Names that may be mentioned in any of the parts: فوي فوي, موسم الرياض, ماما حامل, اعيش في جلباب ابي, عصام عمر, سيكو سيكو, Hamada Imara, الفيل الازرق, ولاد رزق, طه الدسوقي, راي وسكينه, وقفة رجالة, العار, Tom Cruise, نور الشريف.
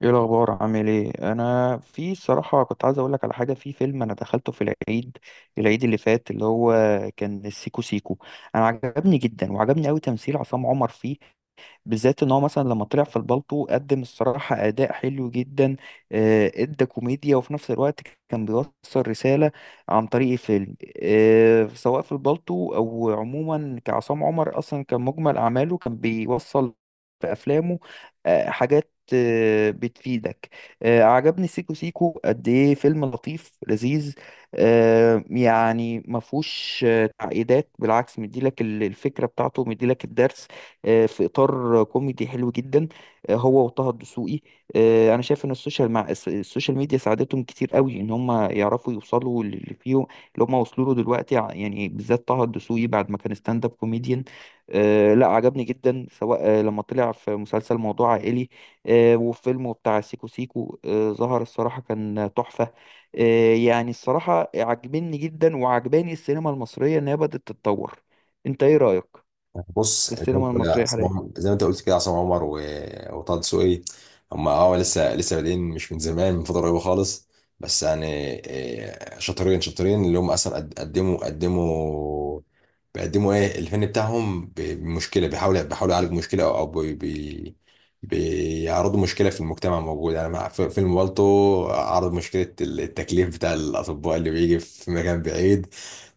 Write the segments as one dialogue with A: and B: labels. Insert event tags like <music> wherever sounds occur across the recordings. A: ايه الاخبار عامل ايه؟ انا في الصراحه كنت عايز اقول لك على حاجه في فيلم انا دخلته في العيد العيد اللي فات، اللي هو كان السيكو سيكو. انا عجبني جدا وعجبني قوي تمثيل عصام عمر فيه، بالذات ان هو مثلا لما طلع في البالطو قدم الصراحه اداء حلو جدا. ادى كوميديا وفي نفس الوقت كان بيوصل رساله عن طريق الفيلم. سواء في البالطو او عموما كعصام عمر اصلا كان مجمل اعماله كان بيوصل في افلامه حاجات بتفيدك. عجبني سيكو سيكو قد ايه فيلم لطيف لذيذ. يعني ما فيهوش تعقيدات، بالعكس مديلك الفكره بتاعته، مديلك الدرس في اطار كوميدي حلو جدا. هو وطه الدسوقي. انا شايف ان السوشيال مع السوشيال ميديا ساعدتهم كتير قوي ان هم يعرفوا يوصلوا للي فيهم اللي هم وصلوا له دلوقتي يعني بالذات طه الدسوقي بعد ما كان ستاند اب كوميديان. لا عجبني جدا، سواء لما طلع في مسلسل موضوع عائلي وفيلمه بتاع سيكو سيكو. ظهر الصراحة كان تحفة. يعني الصراحة عجبني جدا وعجباني السينما المصرية إنها بدأت تتطور. أنت إيه رأيك في
B: بص
A: السينما المصرية حاليا؟
B: زي ما انت قلت كده، عصام عمر وطه دسوقي. هم لسه بادئين، مش من زمان، من فتره قريبه خالص. بس يعني شاطرين، اللي هم اصلا قدموا بيقدموا ايه الفن بتاعهم بمشكله. بيحاولوا يعالجوا مشكله، او بيعرضوا مشكله في المجتمع موجود. يعني مع فيلم بالطو، عرض مشكله التكليف بتاع الاطباء اللي بيجي في مكان بعيد.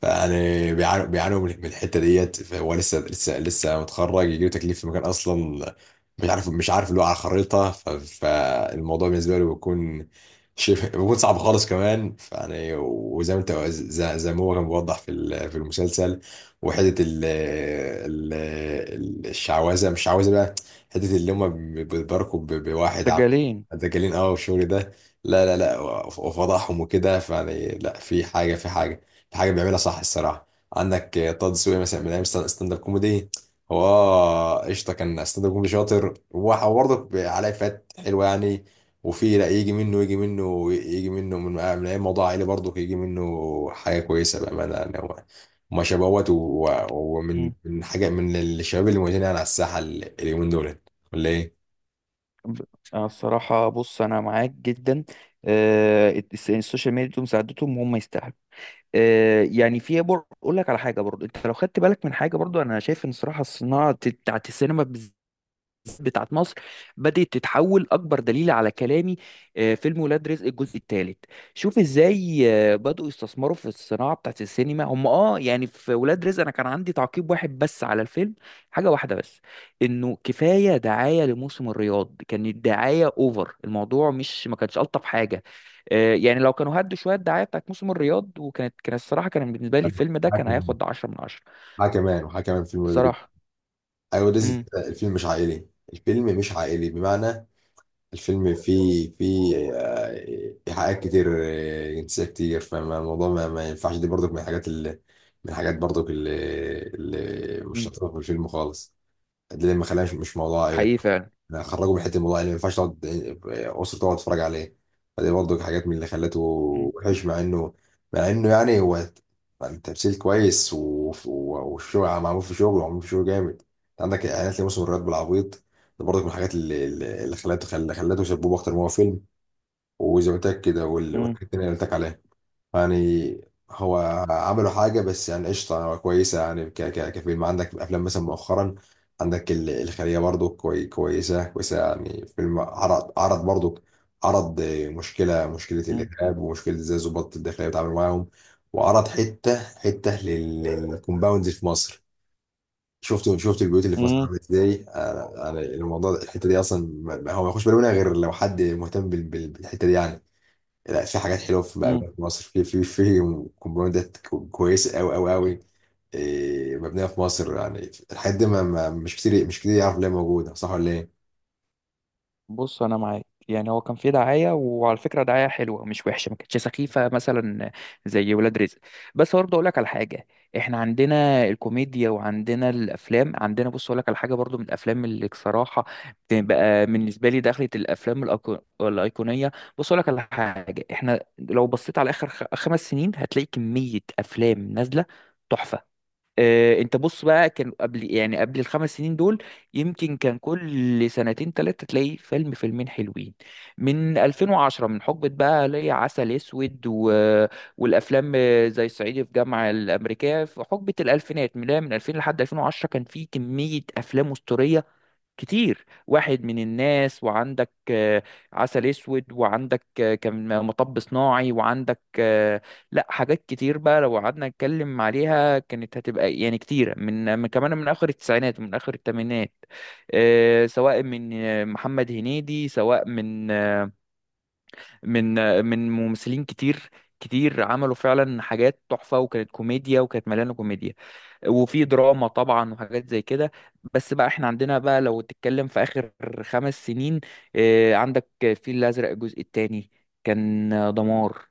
B: فيعني بيعانوا من الحته ديت، فهو لسه متخرج يجيله تكليف في مكان اصلا مش عارف، اللي هو على خريطه. فالموضوع بالنسبه له بيكون شبه، بيكون صعب خالص كمان. فيعني وزي ما انت زي ما هو كان بيوضح في في المسلسل، وحته الشعوذه، مش شعوذه بقى، حته اللي هم بيتباركوا بواحد عم،
A: دجالين.
B: دجالين، اه، والشغل ده. لا، وفضحهم وكده. فيعني لا، في حاجه، حاجه بيعملها صح، الصراحه. عندك طه دسوقي مثلا، من ايام ستاند اب كوميدي. هو قشطه، كان ستاند اب كوميدي شاطر، وبرضه عليه فات حلوه يعني. وفي لا، يجي منه، من ايام موضوع عائلي، برضه يجي منه حاجه كويسه بامانه يعني. هو ما شبهوت ومن
A: مم.
B: من حاجه، من الشباب اللي موجودين يعني على الساحه اليومين دول، ولا ايه؟
A: ب- أنا الصراحة بص أنا معاك جدا. السوشيال ميديا دول مساعدتهم، هم يستاهلوا. يعني في أقول لك على حاجة برضو، أنت لو خدت بالك من حاجة، برضو أنا شايف إن صراحة صناعة بتاعت السينما بتاعت مصر بدأت تتحول. أكبر دليل على كلامي فيلم ولاد رزق الجزء الثالث. شوف إزاي بدأوا يستثمروا في الصناعة بتاعت السينما هم. آه يعني في ولاد رزق أنا كان عندي تعقيب واحد بس على الفيلم، حاجة واحدة بس، إنه كفاية دعاية لموسم الرياض، كانت دعاية أوفر، الموضوع مش ما كانش ألطف حاجة. يعني لو كانوا هدوا شوية الدعاية بتاعت موسم الرياض وكانت كان الصراحة كان بالنسبة لي الفيلم ده كان
B: حاكم،
A: هياخد 10 من 10
B: حاكم وحاكم في المدرب.
A: بصراحة.
B: ايوه، ده
A: امم.
B: الفيلم مش عائلي، الفيلم مش عائلي بمعنى. الفيلم فيه، إيحاءات كتير، جنسية كتير. فالموضوع ما ينفعش. دي برضك من الحاجات اللي، من الحاجات برضك اللي مش
A: امم.
B: لطيفة في الفيلم خالص. ده اللي ما خلاش مش موضوع عائلة.
A: حقيقي فعلا.
B: أنا خرجوا من حتة الموضوع عائلة، ما ينفعش تقعد أسرة تقعد تتفرج عليه. فدي برضه حاجات من اللي خلته
A: امم.
B: وحش، مع إنه، مع إنه يعني، هو التمثيل كويس والشغل معمول في شغل، ومعمول في شغل جامد. أنت عندك إعلانات لموسم الرياض بالعبيط. ده برضه من الحاجات اللي خلته شبوب أكتر ما هو فيلم. وزي ما قلت لك كده، والحاجات التانية اللي قلت لك عليها يعني. هو عملوا حاجة، بس يعني قشطة يعني، هو كويسة يعني ك ك كفيلم. عندك أفلام مثلا مؤخرا، عندك الخلية برضو، كويسة يعني. فيلم عرض برضو، عرض مشكلة
A: امم.
B: الإرهاب، ومشكلة إزاي الضباط الداخلية بيتعاملوا معاهم، وعرض حتة للكومباوندز في مصر. شفت البيوت اللي في مصر
A: امم.
B: عاملة ازاي. أنا- يعني الموضوع ده- الحتة دي أصلا، ما- هو ما يخش بالي منها غير لو حد مهتم بالحتة دي يعني. لا، في حاجات حلوه، في بقى
A: امم.
B: في مصر، في في في كومباوندات، كويسه قوي قوي قوي. إيه، مبنيه في مصر. يعني الحاجات دي مش كتير يعرف ليه موجوده، صح ولا ايه؟
A: بص انا معاك، يعني هو كان في دعايه وعلى فكره دعايه حلوه مش وحشه، ما كانتش سخيفه مثلا زي ولاد رزق. بس برضه اقول لك على حاجه. احنا عندنا الكوميديا وعندنا الافلام، عندنا، بص اقول لك على حاجه برضه، من الافلام اللي بصراحه بتبقى بالنسبه لي دخلت الافلام الايقونيه. بص اقول لك على حاجه، احنا لو بصيت على اخر 5 سنين هتلاقي كميه افلام نازله تحفه. انت بص بقى، كان قبل يعني قبل الخمس سنين دول يمكن كان كل سنتين ثلاثة تلاقي فيلم فيلمين حلوين. من 2010 من حقبة بقى ليا عسل اسود و... والافلام زي الصعيدي في جامعة الامريكية في حقبة الالفينات من 2000 لحد 2010 كان في كمية افلام اسطورية كتير واحد من الناس. وعندك عسل اسود وعندك كان مطب صناعي وعندك لا حاجات كتير بقى لو قعدنا نتكلم عليها كانت هتبقى يعني كتيرة، من كمان من اخر التسعينات ومن اخر الثمانينات، سواء من محمد هنيدي سواء من من من ممثلين كتير كتير عملوا فعلا حاجات تحفة وكانت كوميديا وكانت مليانة كوميديا وفي دراما طبعا وحاجات زي كده. بس بقى احنا عندنا بقى لو تتكلم في اخر 5 سنين عندك الفيل الازرق الجزء الثاني، كان دمار.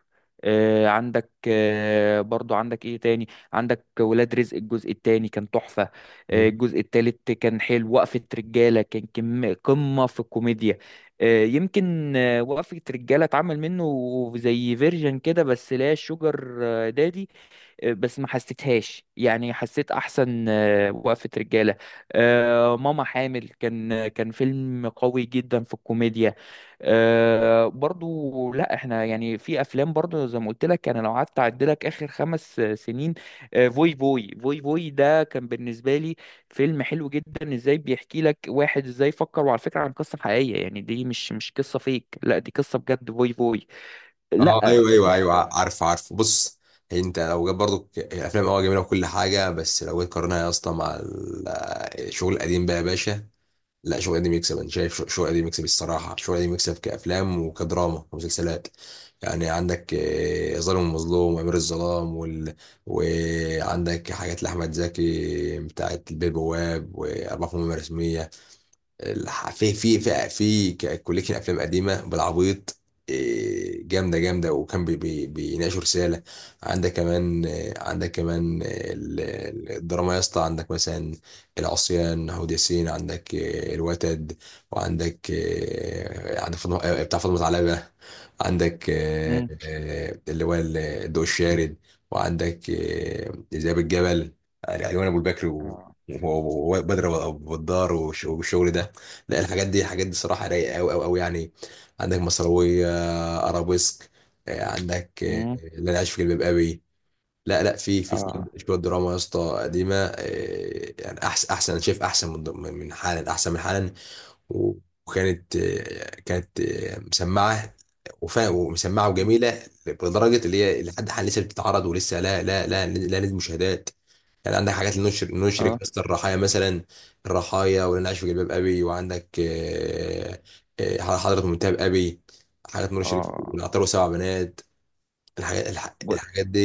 A: عندك برضو عندك ايه تاني، عندك ولاد رزق الجزء الثاني، كان تحفة.
B: مم.
A: الجزء الثالث كان حلو. وقفة رجالة كان قمة في الكوميديا. يمكن وقفة رجالة اتعمل منه زي فيرجن كده بس لا شوجر دادي. بس ما حسيتهاش، يعني حسيت احسن وقفة رجالة. ماما حامل كان فيلم قوي جدا في الكوميديا. برضو لا احنا يعني في افلام برضو زي ما قلت لك، انا لو قعدت اعدلك اخر خمس سنين فوي فوي فوي فوي ده كان بالنسبة لي فيلم حلو جدا، ازاي بيحكي لك واحد ازاي فكر، وعلى فكرة عن قصة حقيقية، يعني دي مش قصة فيك، لا دي قصة بجد. فوي فوي،
B: اه، ايوه
A: لا
B: ايوه ايوه
A: تحفة.
B: عارف، بص. انت لو جاب برضو الافلام، اه جميله وكل حاجه، بس لو جيت قارنها يا اسطى مع الشغل القديم بقى يا باشا. لا، شو قديم يكسب. انا شايف شو قديم يكسب، الصراحه شو قديم يكسب، كافلام وكدراما ومسلسلات يعني. عندك ظالم ومظلوم، وامير الظلام، وعندك حاجات لاحمد زكي، بتاعت البيه البواب، واربعه مهمه رسميه. في في في في كوليكشن افلام قديمه بالعبيط. إيه، جامده، وكان بي بي بيناقشوا رساله. عندك كمان عندك كمان الدراما يا اسطى. عندك مثلا العصيان، هود ياسين، عندك الوتد، وعندك عندك فاطمة، بتاع فاطمه علبه. عندك
A: مم.
B: اللي هو الضوء الشارد، وعندك ذئاب الجبل. يعني علوان ابو البكر
A: اه.
B: وبدر، والدار، والشغل ده. لا، الحاجات دي، الحاجات دي صراحة رايقة أوي أوي أوي يعني. عندك مصراوية، أرابيسك، عندك
A: مم.
B: اللي أنا عايش في جلباب أبي. لا لا، في في شوية
A: اه.
B: شوية دراما يا اسطى قديمة يعني أحسن، أنا شايف أحسن من، من حالا، أحسن من حالا. وكانت كانت مسمعة ومسمعة وجميلة، لدرجة اللي هي لحد حال لسه بتتعرض ولسه، لا نزل مشاهدات يعني. عندك حاجات لنشر
A: اه.
B: قصة الرحايا مثلا، الرحايا، واللي انا عايش في جلباب ابي، وعندك حضرة منتهى ابي، حاجات نور الشريف،
A: اه.
B: والعطار، وسبع بنات. الحاجات
A: بقول-
B: الحاجات دي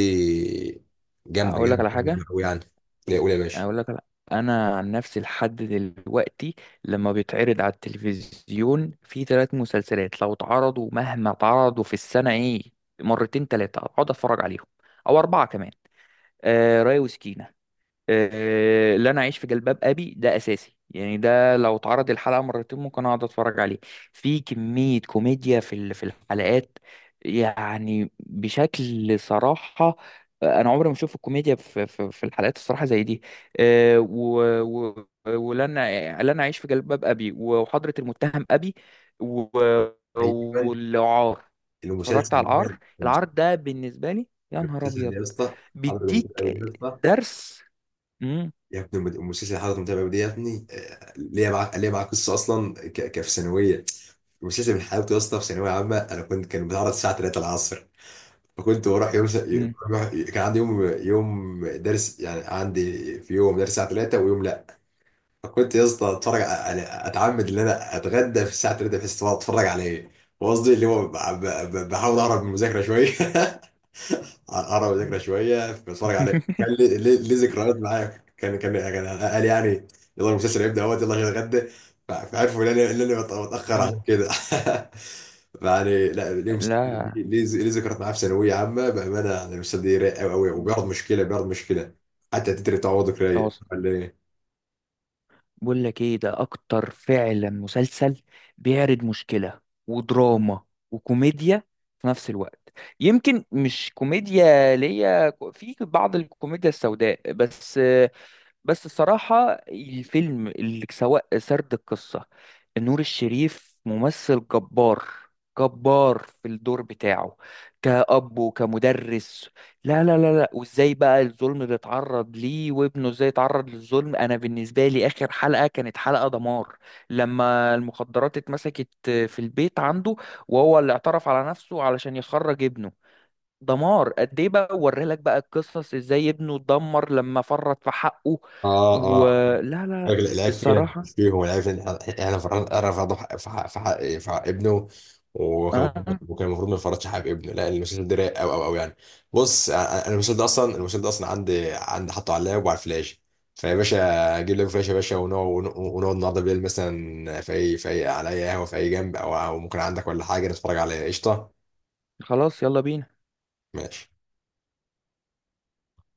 B: جامدة
A: اقول لك
B: جامدة
A: على
B: جامدة
A: حاجه.
B: قوي يعني. لا، قول يا باشا.
A: اقول لك على... انا عن نفسي لحد دلوقتي لما بيتعرض على التلفزيون في 3 مسلسلات لو اتعرضوا، مهما اتعرضوا في السنه ايه، مرتين ثلاثه اقعد اتفرج عليهم، او اربعه كمان. آه، راي وسكينه. لا انا اعيش في جلباب ابي ده اساسي، يعني ده لو اتعرض الحلقه مرتين ممكن اقعد اتفرج عليه. في كميه كوميديا في في الحلقات، يعني بشكل صراحه. انا عمري ما اشوف الكوميديا في الحلقات الصراحه زي دي. و و ولن، لن اعيش في جلباب ابي، وحضره المتهم ابي، و-
B: ايوه،
A: والعار. اتفرجت
B: المسلسل
A: على
B: ده،
A: العار، العار ده بالنسبه لي يا نهار
B: المسلسل ده
A: ابيض،
B: يا اسطى، حضرة
A: بيديك
B: منتهى ابي ده يا اسطى.
A: درس. امم.
B: يا ابني المسلسل حضرة منتهى ابي ده يا ابني، ليا معاه قصة اصلا في ثانوية. المسلسل من حلاوته يا اسطى، في ثانوية عامة، انا كنت، كان بيتعرض الساعة 3 العصر، فكنت بروح يوم
A: امم. امم.
B: كان عندي يوم درس، يعني عندي في يوم درس الساعه 3 ويوم لا. فكنت يا اسطى اتفرج على، اتعمد ان انا اتغدى في الساعه 3 بحيث تبقى اتفرج عليه. وقصدي اللي هو بحاول اهرب من المذاكره شويه <laughs> اقرب الذكرى شويه، بتفرج عليه. كان
A: <laughs>
B: لي، لي ذكريات معايا. كان، يعني كان قال يعني، يلا المسلسل هيبدا اهوت، يلا عشان اتغدى. فعرفوا ان انا، ان انا بتاخر عشان كده. <laughs> يعني لا، ليه
A: لا.
B: ليه ذكريات معاه في ثانويه عامه بامانه. يعني المسلسل ده رايق قوي قوي،
A: مم.
B: وبيعرض مشكله، بيعرض مشكله حتى التتر بتاعه برضه رايق،
A: أص-
B: ولا ايه؟
A: بقول لك ايه، ده اكتر فعلا مسلسل بيعرض مشكلة ودراما وكوميديا في نفس الوقت. يمكن مش كوميديا ليا، في بعض الكوميديا السوداء بس. بس الصراحة الفيلم اللي سواء سرد القصة. نور الشريف ممثل جبار، جبار في الدور بتاعه كأب وكمدرس. لا لا لا لا، وازاي بقى الظلم اللي اتعرض ليه، وابنه ازاي اتعرض للظلم. انا بالنسبة لي اخر حلقة كانت حلقة دمار، لما المخدرات اتمسكت في البيت عنده وهو اللي اعترف على نفسه علشان يخرج ابنه. دمار. قد ايه بقى وري لك بقى القصص، ازاي ابنه اتدمر لما فرط في حقه.
B: اه، اه،
A: ولا لا لا،
B: الراجل، العيب فينا مش
A: الصراحة
B: فيهم. العيب ان احنا رفضوا في حق، ابنه. وكان المفروض،
A: آه
B: ما يفرطش حق ابنه. لا، المسلسل ده رايق قوي قوي قوي يعني. بص، أنا- أنا المسلسل ده اصلا، عندي، حاطه على اللاب وعلى الفلاش. فيا باشا، اجيب لك فلاش يا باشا، ونقعد، النهارده بالليل مثلا، في اي، على اي قهوه، في اي جنب، او ممكن عندك ولا حاجه، نتفرج على قشطه.
A: خلاص، يلا بينا.
B: ماشي.